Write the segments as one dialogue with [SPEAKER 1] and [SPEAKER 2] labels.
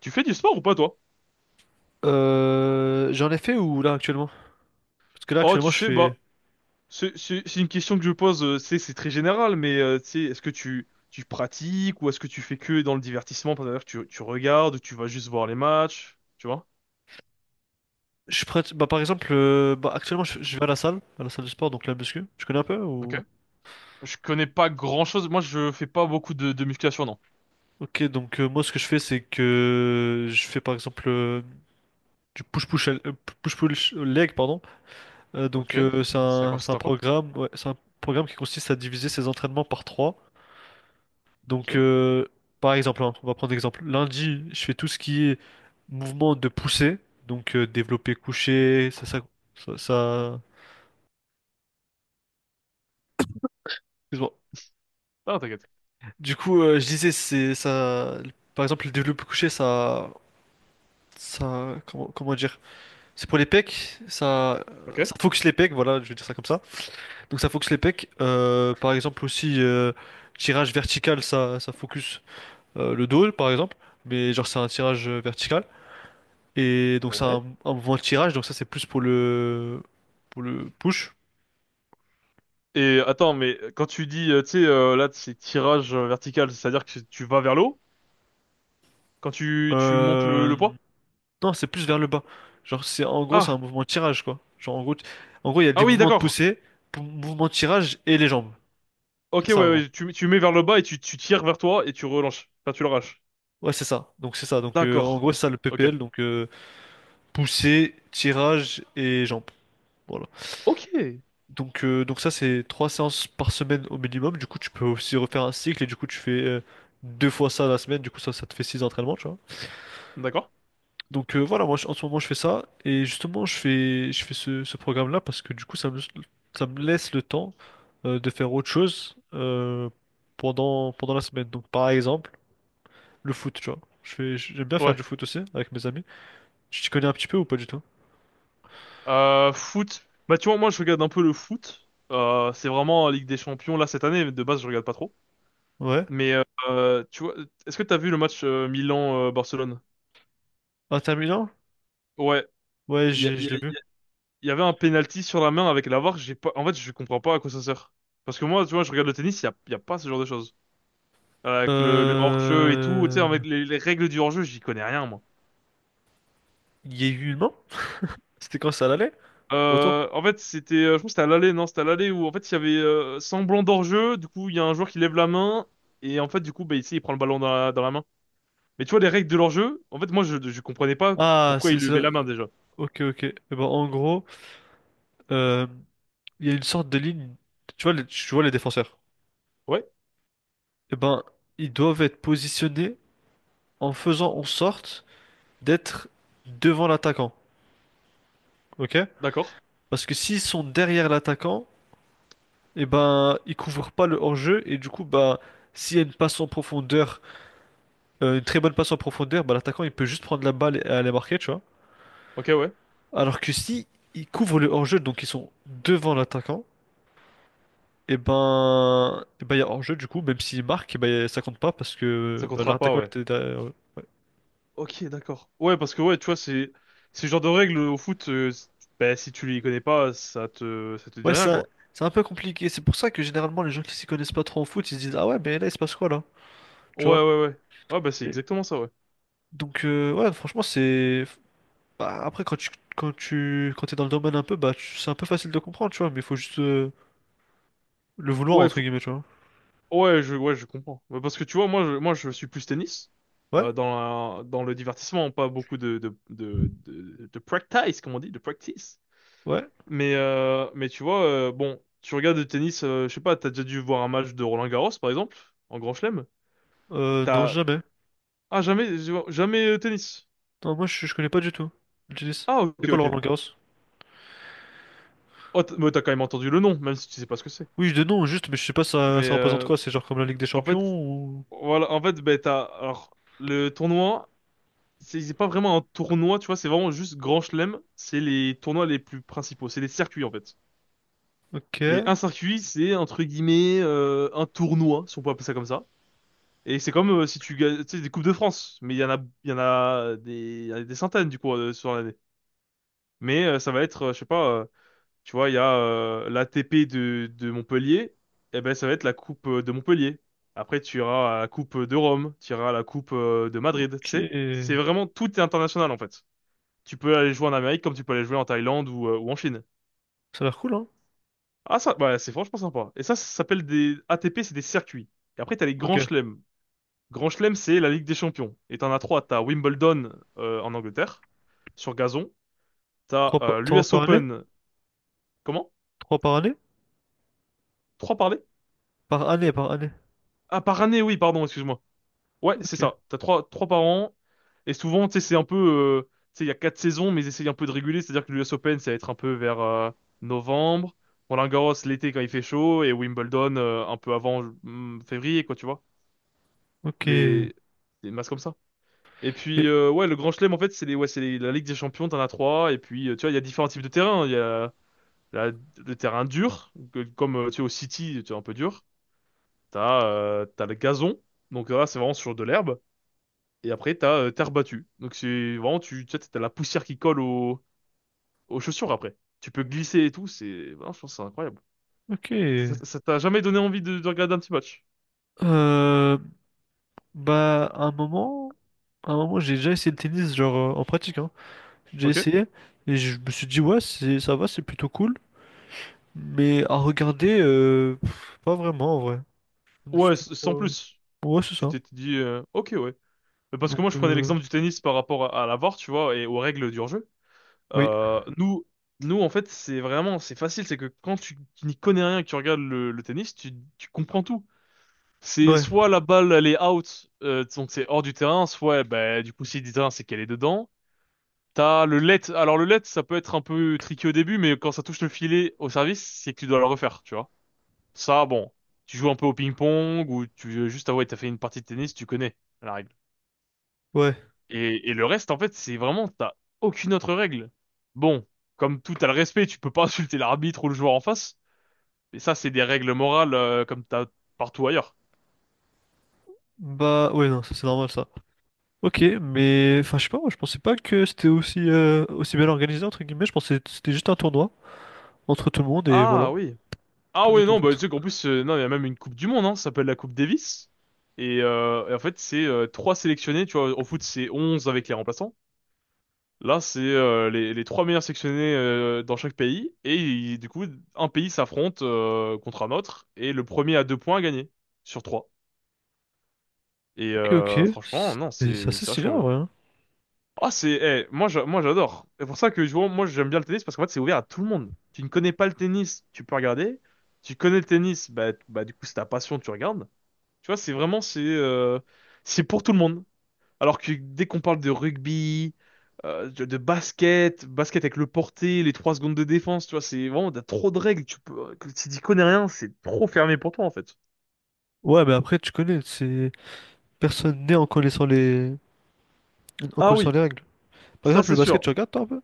[SPEAKER 1] Tu fais du sport ou pas, toi?
[SPEAKER 2] J'en ai fait ou là actuellement? Parce que là
[SPEAKER 1] Oh, tu
[SPEAKER 2] actuellement je
[SPEAKER 1] sais,
[SPEAKER 2] fais.
[SPEAKER 1] c'est une question que je pose, c'est très général, mais tu sais, est-ce que tu pratiques, ou est-ce que tu fais que dans le divertissement, c'est-à-dire que tu regardes, ou tu vas juste voir les matchs, tu vois?
[SPEAKER 2] Je prête. Bah, par exemple, bah, actuellement je vais à la salle de sport, donc la muscu. Tu connais un peu
[SPEAKER 1] Ok.
[SPEAKER 2] ou...
[SPEAKER 1] Je connais pas grand-chose, moi je fais pas beaucoup de musculation, non.
[SPEAKER 2] Ok, donc moi ce que je fais c'est que je fais par exemple du push-push push-push leg, pardon.
[SPEAKER 1] Ok.
[SPEAKER 2] Donc
[SPEAKER 1] Ça
[SPEAKER 2] c'est
[SPEAKER 1] consiste
[SPEAKER 2] un
[SPEAKER 1] en quoi?
[SPEAKER 2] programme, ouais, c'est un programme qui consiste à diviser ses entraînements par trois. Donc
[SPEAKER 1] Ok.
[SPEAKER 2] par exemple, hein, on va prendre l'exemple. Lundi, je fais tout ce qui est mouvement de poussée, donc développer couché, ça, ça- excuse-moi.
[SPEAKER 1] Ah, t'inquiète.
[SPEAKER 2] Du coup, je disais, c'est ça. Par exemple, le développé couché, ça, comment dire? C'est pour les pecs.
[SPEAKER 1] Ok.
[SPEAKER 2] Ça focus les pecs. Voilà, je vais dire ça comme ça. Donc ça focus les pecs. Par exemple aussi, tirage vertical, ça focus le dos, par exemple. Mais genre c'est un tirage vertical. Et donc c'est
[SPEAKER 1] Ouais.
[SPEAKER 2] un mouvement de tirage. Donc ça c'est plus pour le push.
[SPEAKER 1] Et attends, mais quand tu dis, tu sais, là, c'est tirage vertical, c'est-à-dire que tu vas vers le haut quand tu montes
[SPEAKER 2] Euh,
[SPEAKER 1] le poids?
[SPEAKER 2] Non, c'est plus vers le bas. Genre, c'est en gros, c'est un
[SPEAKER 1] Ah,
[SPEAKER 2] mouvement de tirage, quoi. Genre, en gros, en gros, il y a
[SPEAKER 1] ah
[SPEAKER 2] des
[SPEAKER 1] oui,
[SPEAKER 2] mouvements de
[SPEAKER 1] d'accord.
[SPEAKER 2] poussée, mouvement de tirage et les jambes.
[SPEAKER 1] Ok,
[SPEAKER 2] C'est
[SPEAKER 1] ouais,
[SPEAKER 2] ça, en gros.
[SPEAKER 1] ouais, tu mets vers le bas et tu tires vers toi et tu relances. Enfin, tu l'arraches.
[SPEAKER 2] Ouais, c'est ça. Donc, c'est ça. Donc, en
[SPEAKER 1] D'accord.
[SPEAKER 2] gros, c'est ça le
[SPEAKER 1] Ok.
[SPEAKER 2] PPL. Donc, poussée, tirage et jambes. Voilà.
[SPEAKER 1] Ok.
[SPEAKER 2] Donc ça, c'est trois séances par semaine au minimum. Du coup, tu peux aussi refaire un cycle et du coup, tu fais deux fois ça la semaine. Du coup, ça te fait six entraînements, tu vois.
[SPEAKER 1] D'accord.
[SPEAKER 2] Donc voilà, en ce moment je fais ça et justement je fais ce, ce programme-là parce que du coup ça me laisse le temps de faire autre chose pendant la semaine. Donc par exemple le foot, tu vois. Je fais j'aime bien faire du
[SPEAKER 1] Ouais.
[SPEAKER 2] foot aussi avec mes amis. Tu t'y connais un petit peu ou pas du tout?
[SPEAKER 1] Foot. Bah, tu vois, moi, je regarde un peu le foot. C'est vraiment la Ligue des Champions. Là, cette année, de base, je regarde pas trop.
[SPEAKER 2] Ouais.
[SPEAKER 1] Mais tu vois, est-ce que t'as vu le match Milan-Barcelone?
[SPEAKER 2] Inter Milan?
[SPEAKER 1] Ouais.
[SPEAKER 2] Ouais,
[SPEAKER 1] Il y, a-
[SPEAKER 2] j'ai
[SPEAKER 1] il y
[SPEAKER 2] je l'ai vu.
[SPEAKER 1] a- il y avait un penalty sur la main avec la VAR. J'ai pas... En fait, je comprends pas à quoi ça sert. Parce que moi, tu vois, je regarde le tennis, il y a pas ce genre de choses. Avec le hors-jeu et tout, tu sais,
[SPEAKER 2] Euh...
[SPEAKER 1] avec les règles du hors-jeu, j'y connais rien, moi.
[SPEAKER 2] Il y a eu une main? C'était quand ça l'allait? Retour?
[SPEAKER 1] En fait, c'était, je pense que c'était à l'aller, non, c'était à l'aller où en fait il y avait semblant d'hors-jeu. Du coup, il y a un joueur qui lève la main et en fait, du coup, bah, ici, il prend le ballon dans dans la main. Mais tu vois les règles de l'hors-jeu. En fait, moi, je comprenais pas
[SPEAKER 2] Ah,
[SPEAKER 1] pourquoi il
[SPEAKER 2] c'est
[SPEAKER 1] levait
[SPEAKER 2] là.
[SPEAKER 1] la main déjà.
[SPEAKER 2] Ok, ok. Eh ben, en gros, euh, il y a une sorte de ligne. Tu vois, tu vois les défenseurs.
[SPEAKER 1] Ouais,
[SPEAKER 2] Eh ben, ils doivent être positionnés en faisant en sorte d'être devant l'attaquant, ok?
[SPEAKER 1] d'accord.
[SPEAKER 2] Parce que s'ils sont derrière l'attaquant, eh ben, ils couvrent pas le hors-jeu et du coup, bah, s'il y a une passe en profondeur, une très bonne passe en profondeur, bah, l'attaquant il peut juste prendre la balle et aller marquer, tu vois?
[SPEAKER 1] Ok, ouais.
[SPEAKER 2] Alors que si ils couvrent le hors-jeu, donc ils sont devant l'attaquant, et ben, eh ben, il y a hors-jeu du coup, même s'il marque, eh ben, ça compte pas parce
[SPEAKER 1] Ça
[SPEAKER 2] que bah,
[SPEAKER 1] comptera pas,
[SPEAKER 2] l'attaquant
[SPEAKER 1] ouais.
[SPEAKER 2] était derrière.
[SPEAKER 1] Ok, d'accord. Ouais, parce que ouais, tu vois, c'est ce genre de règles au foot. Bah, si tu les connais pas, ça te dit
[SPEAKER 2] Ouais,
[SPEAKER 1] rien, quoi.
[SPEAKER 2] c'est un peu compliqué. C'est pour ça que généralement, les gens qui s'y connaissent pas trop en foot, ils se disent, ah ouais, mais là, il se passe quoi là?
[SPEAKER 1] Ouais,
[SPEAKER 2] Tu vois?
[SPEAKER 1] ouais, ouais. Ouais, bah c'est
[SPEAKER 2] Et
[SPEAKER 1] exactement ça, ouais.
[SPEAKER 2] donc, ouais, franchement, c'est. Bah, après, quand t'es dans le domaine un peu, bah, c'est un peu facile de comprendre, tu vois, mais il faut juste le vouloir,
[SPEAKER 1] Ouais,
[SPEAKER 2] entre guillemets, tu vois.
[SPEAKER 1] Ouais, je comprends. Mais parce que tu vois, moi, je suis plus tennis
[SPEAKER 2] Ouais?
[SPEAKER 1] dans dans le divertissement, pas beaucoup de practice, comme on dit, de practice.
[SPEAKER 2] Ouais?
[SPEAKER 1] Mais tu vois, bon, tu regardes le tennis, je sais pas, t'as déjà dû voir un match de Roland Garros, par exemple, en Grand Chelem.
[SPEAKER 2] Non,
[SPEAKER 1] T'as
[SPEAKER 2] jamais.
[SPEAKER 1] ah jamais jamais tennis.
[SPEAKER 2] Non, moi, je connais pas du tout le tennis.
[SPEAKER 1] Ah
[SPEAKER 2] C'est
[SPEAKER 1] ok
[SPEAKER 2] quoi le
[SPEAKER 1] ok.
[SPEAKER 2] Roland-Garros?
[SPEAKER 1] Mais t'as quand même entendu le nom, même si tu sais pas ce que c'est.
[SPEAKER 2] Oui, de nom, juste, mais je sais pas, ça,
[SPEAKER 1] Mais
[SPEAKER 2] ça représente quoi? C'est genre comme la Ligue des
[SPEAKER 1] en
[SPEAKER 2] Champions
[SPEAKER 1] fait,
[SPEAKER 2] ou.
[SPEAKER 1] voilà, en fait, ben t'as alors le tournoi. C'est pas vraiment un tournoi, tu vois, c'est vraiment juste Grand Chelem, c'est les tournois les plus principaux, c'est les circuits en fait.
[SPEAKER 2] Ok.
[SPEAKER 1] Et un circuit, c'est entre guillemets un tournoi, si on peut appeler ça comme ça. Et c'est comme si tu gagnes, tu sais, des Coupes de France, mais il y en a, il y en a des, il y en a des centaines du coup sur l'année. Mais ça va être, je sais pas, tu vois, il y a l'ATP de Montpellier, et ben ça va être la Coupe de Montpellier. Après, tu iras à la Coupe de Rome, tu iras à la Coupe de Madrid,
[SPEAKER 2] Ok.
[SPEAKER 1] tu sais. C'est vraiment tout est international en fait. Tu peux aller jouer en Amérique comme tu peux aller jouer en Thaïlande ou en Chine.
[SPEAKER 2] Ça a l'air cool, hein?
[SPEAKER 1] Ah ça, bah, c'est franchement sympa. Et ça s'appelle des ATP, c'est des circuits. Et après, t'as les
[SPEAKER 2] Ok.
[SPEAKER 1] grands chelems. Grand chelem, c'est la Ligue des Champions. Et t'en as trois. T'as Wimbledon en Angleterre, sur gazon. T'as
[SPEAKER 2] Trois
[SPEAKER 1] l'US
[SPEAKER 2] par année?
[SPEAKER 1] Open, comment?
[SPEAKER 2] Trois par année?
[SPEAKER 1] Trois par année?
[SPEAKER 2] Par année, par année.
[SPEAKER 1] Ah, par année, oui, pardon, excuse-moi. Ouais, c'est
[SPEAKER 2] Ok,
[SPEAKER 1] ça. T'as trois, trois par an. Et souvent, tu sais, c'est un peu... tu sais, il y a quatre saisons, mais ils essayent un peu de réguler. C'est-à-dire que l'US Open, ça va être un peu vers novembre. Roland-Garros, l'été, quand il fait chaud. Et Wimbledon, un peu avant février, quoi, tu vois.
[SPEAKER 2] ok,
[SPEAKER 1] Des, des masses comme ça. Et puis,
[SPEAKER 2] et-
[SPEAKER 1] ouais, le Grand Chelem, en fait, c'est les, ouais, c'est les- la Ligue des Champions, t'en as trois. Et puis, tu vois, il y a différents types de terrains. Il y a la- le terrain dur, comme, tu sais, au City, tu vois, un peu dur. T'as le gazon. Donc là, c'est vraiment sur de l'herbe. Et après, t'as as terre battue. Donc c'est vraiment, tu sais, t'as la poussière qui colle aux chaussures après. Tu peux glisser et tout, c'est... voilà, je pense que c'est incroyable.
[SPEAKER 2] ok.
[SPEAKER 1] Ça t'a jamais donné envie de regarder un petit match?
[SPEAKER 2] Euh, bah, à un moment, j'ai déjà essayé le tennis, genre en pratique, hein. J'ai
[SPEAKER 1] Ok?
[SPEAKER 2] essayé et je me suis dit, ouais, c'est, ça va, c'est plutôt cool. Mais à regarder, pas vraiment en vrai. Je me suis
[SPEAKER 1] Ouais,
[SPEAKER 2] dit,
[SPEAKER 1] sans plus.
[SPEAKER 2] ouais, c'est
[SPEAKER 1] Tu
[SPEAKER 2] ça.
[SPEAKER 1] t'es dit, ok, ouais. Mais parce que moi,
[SPEAKER 2] Donc,
[SPEAKER 1] je prenais l'exemple du tennis par rapport à la VAR, tu vois, et aux règles du hors-jeu.
[SPEAKER 2] oui,
[SPEAKER 1] Euh, nous, Nous, en fait, c'est vraiment, c'est facile, c'est que quand tu n'y connais rien et que tu regardes le tennis, tu comprends tout. C'est
[SPEAKER 2] ouais,
[SPEAKER 1] soit la balle elle est out, donc c'est hors du terrain, soit bah, du coup si du terrain c'est qu'elle est dedans. T'as le let. Alors le let ça peut être un peu tricky au début, mais quand ça touche le filet au service, c'est que tu dois le refaire, tu vois. Ça bon, tu joues un peu au ping-pong ou tu veux juste avouer t'as fait une partie de tennis, tu connais la règle.
[SPEAKER 2] ouais.
[SPEAKER 1] Et le reste en fait c'est vraiment t'as aucune autre règle. Bon, comme tout t'as le respect, tu peux pas insulter l'arbitre ou le joueur en face. Mais ça c'est des règles morales comme t'as partout ailleurs.
[SPEAKER 2] Bah, ouais, non, ça c'est normal ça. Ok, mais enfin, je sais pas, moi, je pensais pas que c'était aussi, aussi bien organisé, entre guillemets. Je pensais que c'était juste un tournoi entre tout le monde et
[SPEAKER 1] Ah
[SPEAKER 2] voilà.
[SPEAKER 1] oui, Ah
[SPEAKER 2] Pas du
[SPEAKER 1] ouais,
[SPEAKER 2] tout en
[SPEAKER 1] non, bah, tu
[SPEAKER 2] fait.
[SPEAKER 1] sais qu'en plus, non, il y a même une Coupe du Monde, hein, ça s'appelle la Coupe Davis. Et en fait, c'est trois sélectionnés, tu vois, au foot, c'est 11 avec les remplaçants. Là, c'est les trois meilleurs sélectionnés dans chaque pays. Du coup, un pays s'affronte contre un autre, et le premier à deux points a gagné, sur trois. Et
[SPEAKER 2] Ok, ok.
[SPEAKER 1] franchement, non,
[SPEAKER 2] C'est assez
[SPEAKER 1] c'est
[SPEAKER 2] stylé
[SPEAKER 1] vachement
[SPEAKER 2] en
[SPEAKER 1] bien.
[SPEAKER 2] vrai, hein.
[SPEAKER 1] Ah, c'est... moi, j'adore. C'est pour ça que, je vois, moi, j'aime bien le tennis, parce qu'en fait, c'est ouvert à tout le monde. Tu ne connais pas le tennis, tu peux regarder. Tu connais le tennis, bah du coup c'est ta passion, tu regardes. Tu vois, c'est pour tout le monde. Alors que dès qu'on parle de rugby, de basket, basket avec le porté, les trois secondes de défense, tu vois, c'est vraiment, t'as trop de règles. Que si t'y connais rien, c'est trop fermé pour toi, en fait.
[SPEAKER 2] Ouais, mais après, tu connais, c'est personne n'est en connaissant les... en
[SPEAKER 1] Ah
[SPEAKER 2] connaissant
[SPEAKER 1] oui,
[SPEAKER 2] les règles. Par
[SPEAKER 1] ça
[SPEAKER 2] exemple,
[SPEAKER 1] c'est
[SPEAKER 2] le basket, tu
[SPEAKER 1] sûr.
[SPEAKER 2] regardes toi un peu?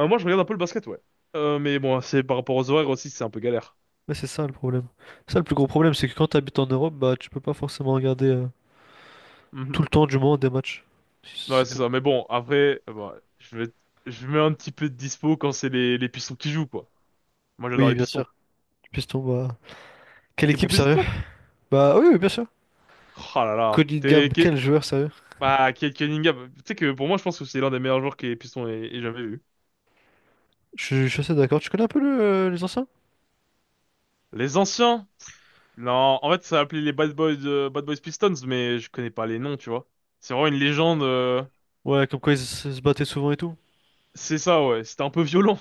[SPEAKER 1] Moi, je regarde un peu le basket, ouais. Mais bon, c'est par rapport aux horaires aussi, c'est un peu galère.
[SPEAKER 2] Mais c'est ça le problème. Ça, le plus gros problème, c'est que quand tu habites en Europe, bah tu peux pas forcément regarder
[SPEAKER 1] Mhm.
[SPEAKER 2] tout le temps du monde des matchs. Si
[SPEAKER 1] Ouais,
[SPEAKER 2] C'est
[SPEAKER 1] c'est
[SPEAKER 2] comme-
[SPEAKER 1] ça. Mais bon, après, bah, je mets un petit peu de dispo quand c'est les Pistons qui jouent, quoi. Moi, j'adore
[SPEAKER 2] Oui,
[SPEAKER 1] les
[SPEAKER 2] bien
[SPEAKER 1] Pistons.
[SPEAKER 2] sûr. Piston, bah. Quelle
[SPEAKER 1] T'es pour
[SPEAKER 2] équipe,
[SPEAKER 1] Pistons,
[SPEAKER 2] sérieux?
[SPEAKER 1] toi?
[SPEAKER 2] Bah oui, oui, bien sûr.
[SPEAKER 1] Oh là là.
[SPEAKER 2] Cunningham,
[SPEAKER 1] T'es,
[SPEAKER 2] quel joueur, sérieux?
[SPEAKER 1] bah, Kate Cunningham, tu sais que pour moi, je pense que c'est l'un des meilleurs joueurs que les Pistons aient jamais vu.
[SPEAKER 2] Je suis assez d'accord. Tu connais un peu le, les anciens?
[SPEAKER 1] Les anciens? Non, en fait, ça s'appelait les Bad Boys, Bad Boys Pistons, mais je connais pas les noms, tu vois. C'est vraiment une légende.
[SPEAKER 2] Ouais, comme quoi ils se battaient souvent et tout.
[SPEAKER 1] C'est ça, ouais. C'était un peu violent.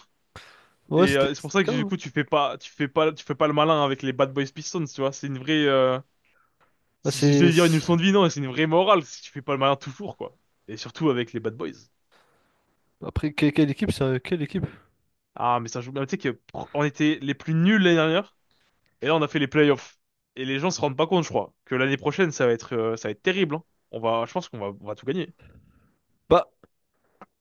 [SPEAKER 2] Ouais,
[SPEAKER 1] Et
[SPEAKER 2] c'était
[SPEAKER 1] c'est pour
[SPEAKER 2] c'était le
[SPEAKER 1] ça que
[SPEAKER 2] cas,
[SPEAKER 1] du
[SPEAKER 2] hein.
[SPEAKER 1] coup, tu fais pas le malin avec les Bad Boys Pistons, tu vois. C'est une vraie,
[SPEAKER 2] Bah,
[SPEAKER 1] je
[SPEAKER 2] c'est.
[SPEAKER 1] vais dire une leçon de vie, non, c'est une vraie morale si tu fais pas le malin toujours, quoi. Et surtout avec les Bad Boys.
[SPEAKER 2] Après, quelle, équipe, c'est quelle équipe?
[SPEAKER 1] Ah, mais ça joue. Mais tu sais que on était les plus nuls l'année dernière. Et là, on a fait les playoffs. Et les gens se rendent pas compte, je crois, que l'année prochaine, ça va être terrible. Hein. On va, je pense qu'on va, on va tout gagner.
[SPEAKER 2] Bah,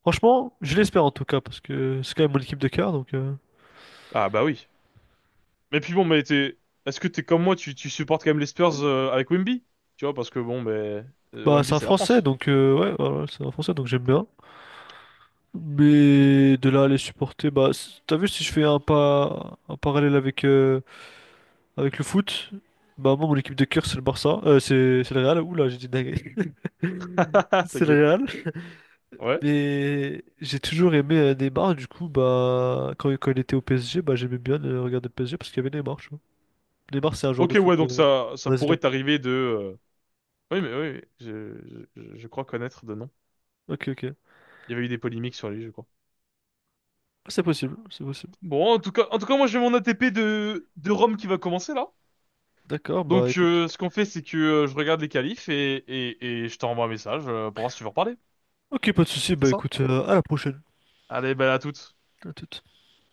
[SPEAKER 2] franchement, je l'espère en tout cas, parce que c'est quand même mon équipe de cœur, donc...
[SPEAKER 1] Ah bah oui. Mais puis bon, est-ce que t'es comme moi, tu supportes quand même les Spurs avec Wemby? Tu vois, parce que bon, mais
[SPEAKER 2] Bah, c'est
[SPEAKER 1] Wemby,
[SPEAKER 2] un
[SPEAKER 1] c'est la
[SPEAKER 2] Français,
[SPEAKER 1] France.
[SPEAKER 2] donc... ouais, voilà, c'est un Français, donc j'aime bien. Mais de là à les supporter, bah... T'as vu, si je fais un pas... un parallèle avec, avec le foot, bah moi, mon équipe de cœur, c'est le Barça. C'est le Real. Ouh là, j'ai dit dingue. C'est le
[SPEAKER 1] T'inquiète.
[SPEAKER 2] Real.
[SPEAKER 1] Ouais.
[SPEAKER 2] Mais j'ai toujours aimé Neymar, du coup, bah... Quand, quand il était au PSG, bah j'aimais bien regarder le PSG, parce qu'il y avait Neymar, tu vois. Neymar, c'est un joueur de
[SPEAKER 1] Ok, ouais,
[SPEAKER 2] foot...
[SPEAKER 1] donc ça
[SPEAKER 2] brésilien.
[SPEAKER 1] pourrait t'arriver de. Oui, je crois connaître de nom.
[SPEAKER 2] Ok, ok. Ah,
[SPEAKER 1] Il y avait eu des polémiques sur les jeux, quoi.
[SPEAKER 2] c'est possible, c'est possible.
[SPEAKER 1] Bon, en tout cas, moi j'ai mon ATP de Rome qui va commencer là.
[SPEAKER 2] D'accord, bah
[SPEAKER 1] Donc,
[SPEAKER 2] écoute.
[SPEAKER 1] ce qu'on fait, c'est que je regarde les qualifs et je t'envoie un message pour voir si tu veux reparler.
[SPEAKER 2] Ok, pas de souci,
[SPEAKER 1] C'est
[SPEAKER 2] bah
[SPEAKER 1] ça?
[SPEAKER 2] écoute, à la prochaine.
[SPEAKER 1] Allez, ben à toutes.
[SPEAKER 2] À toute.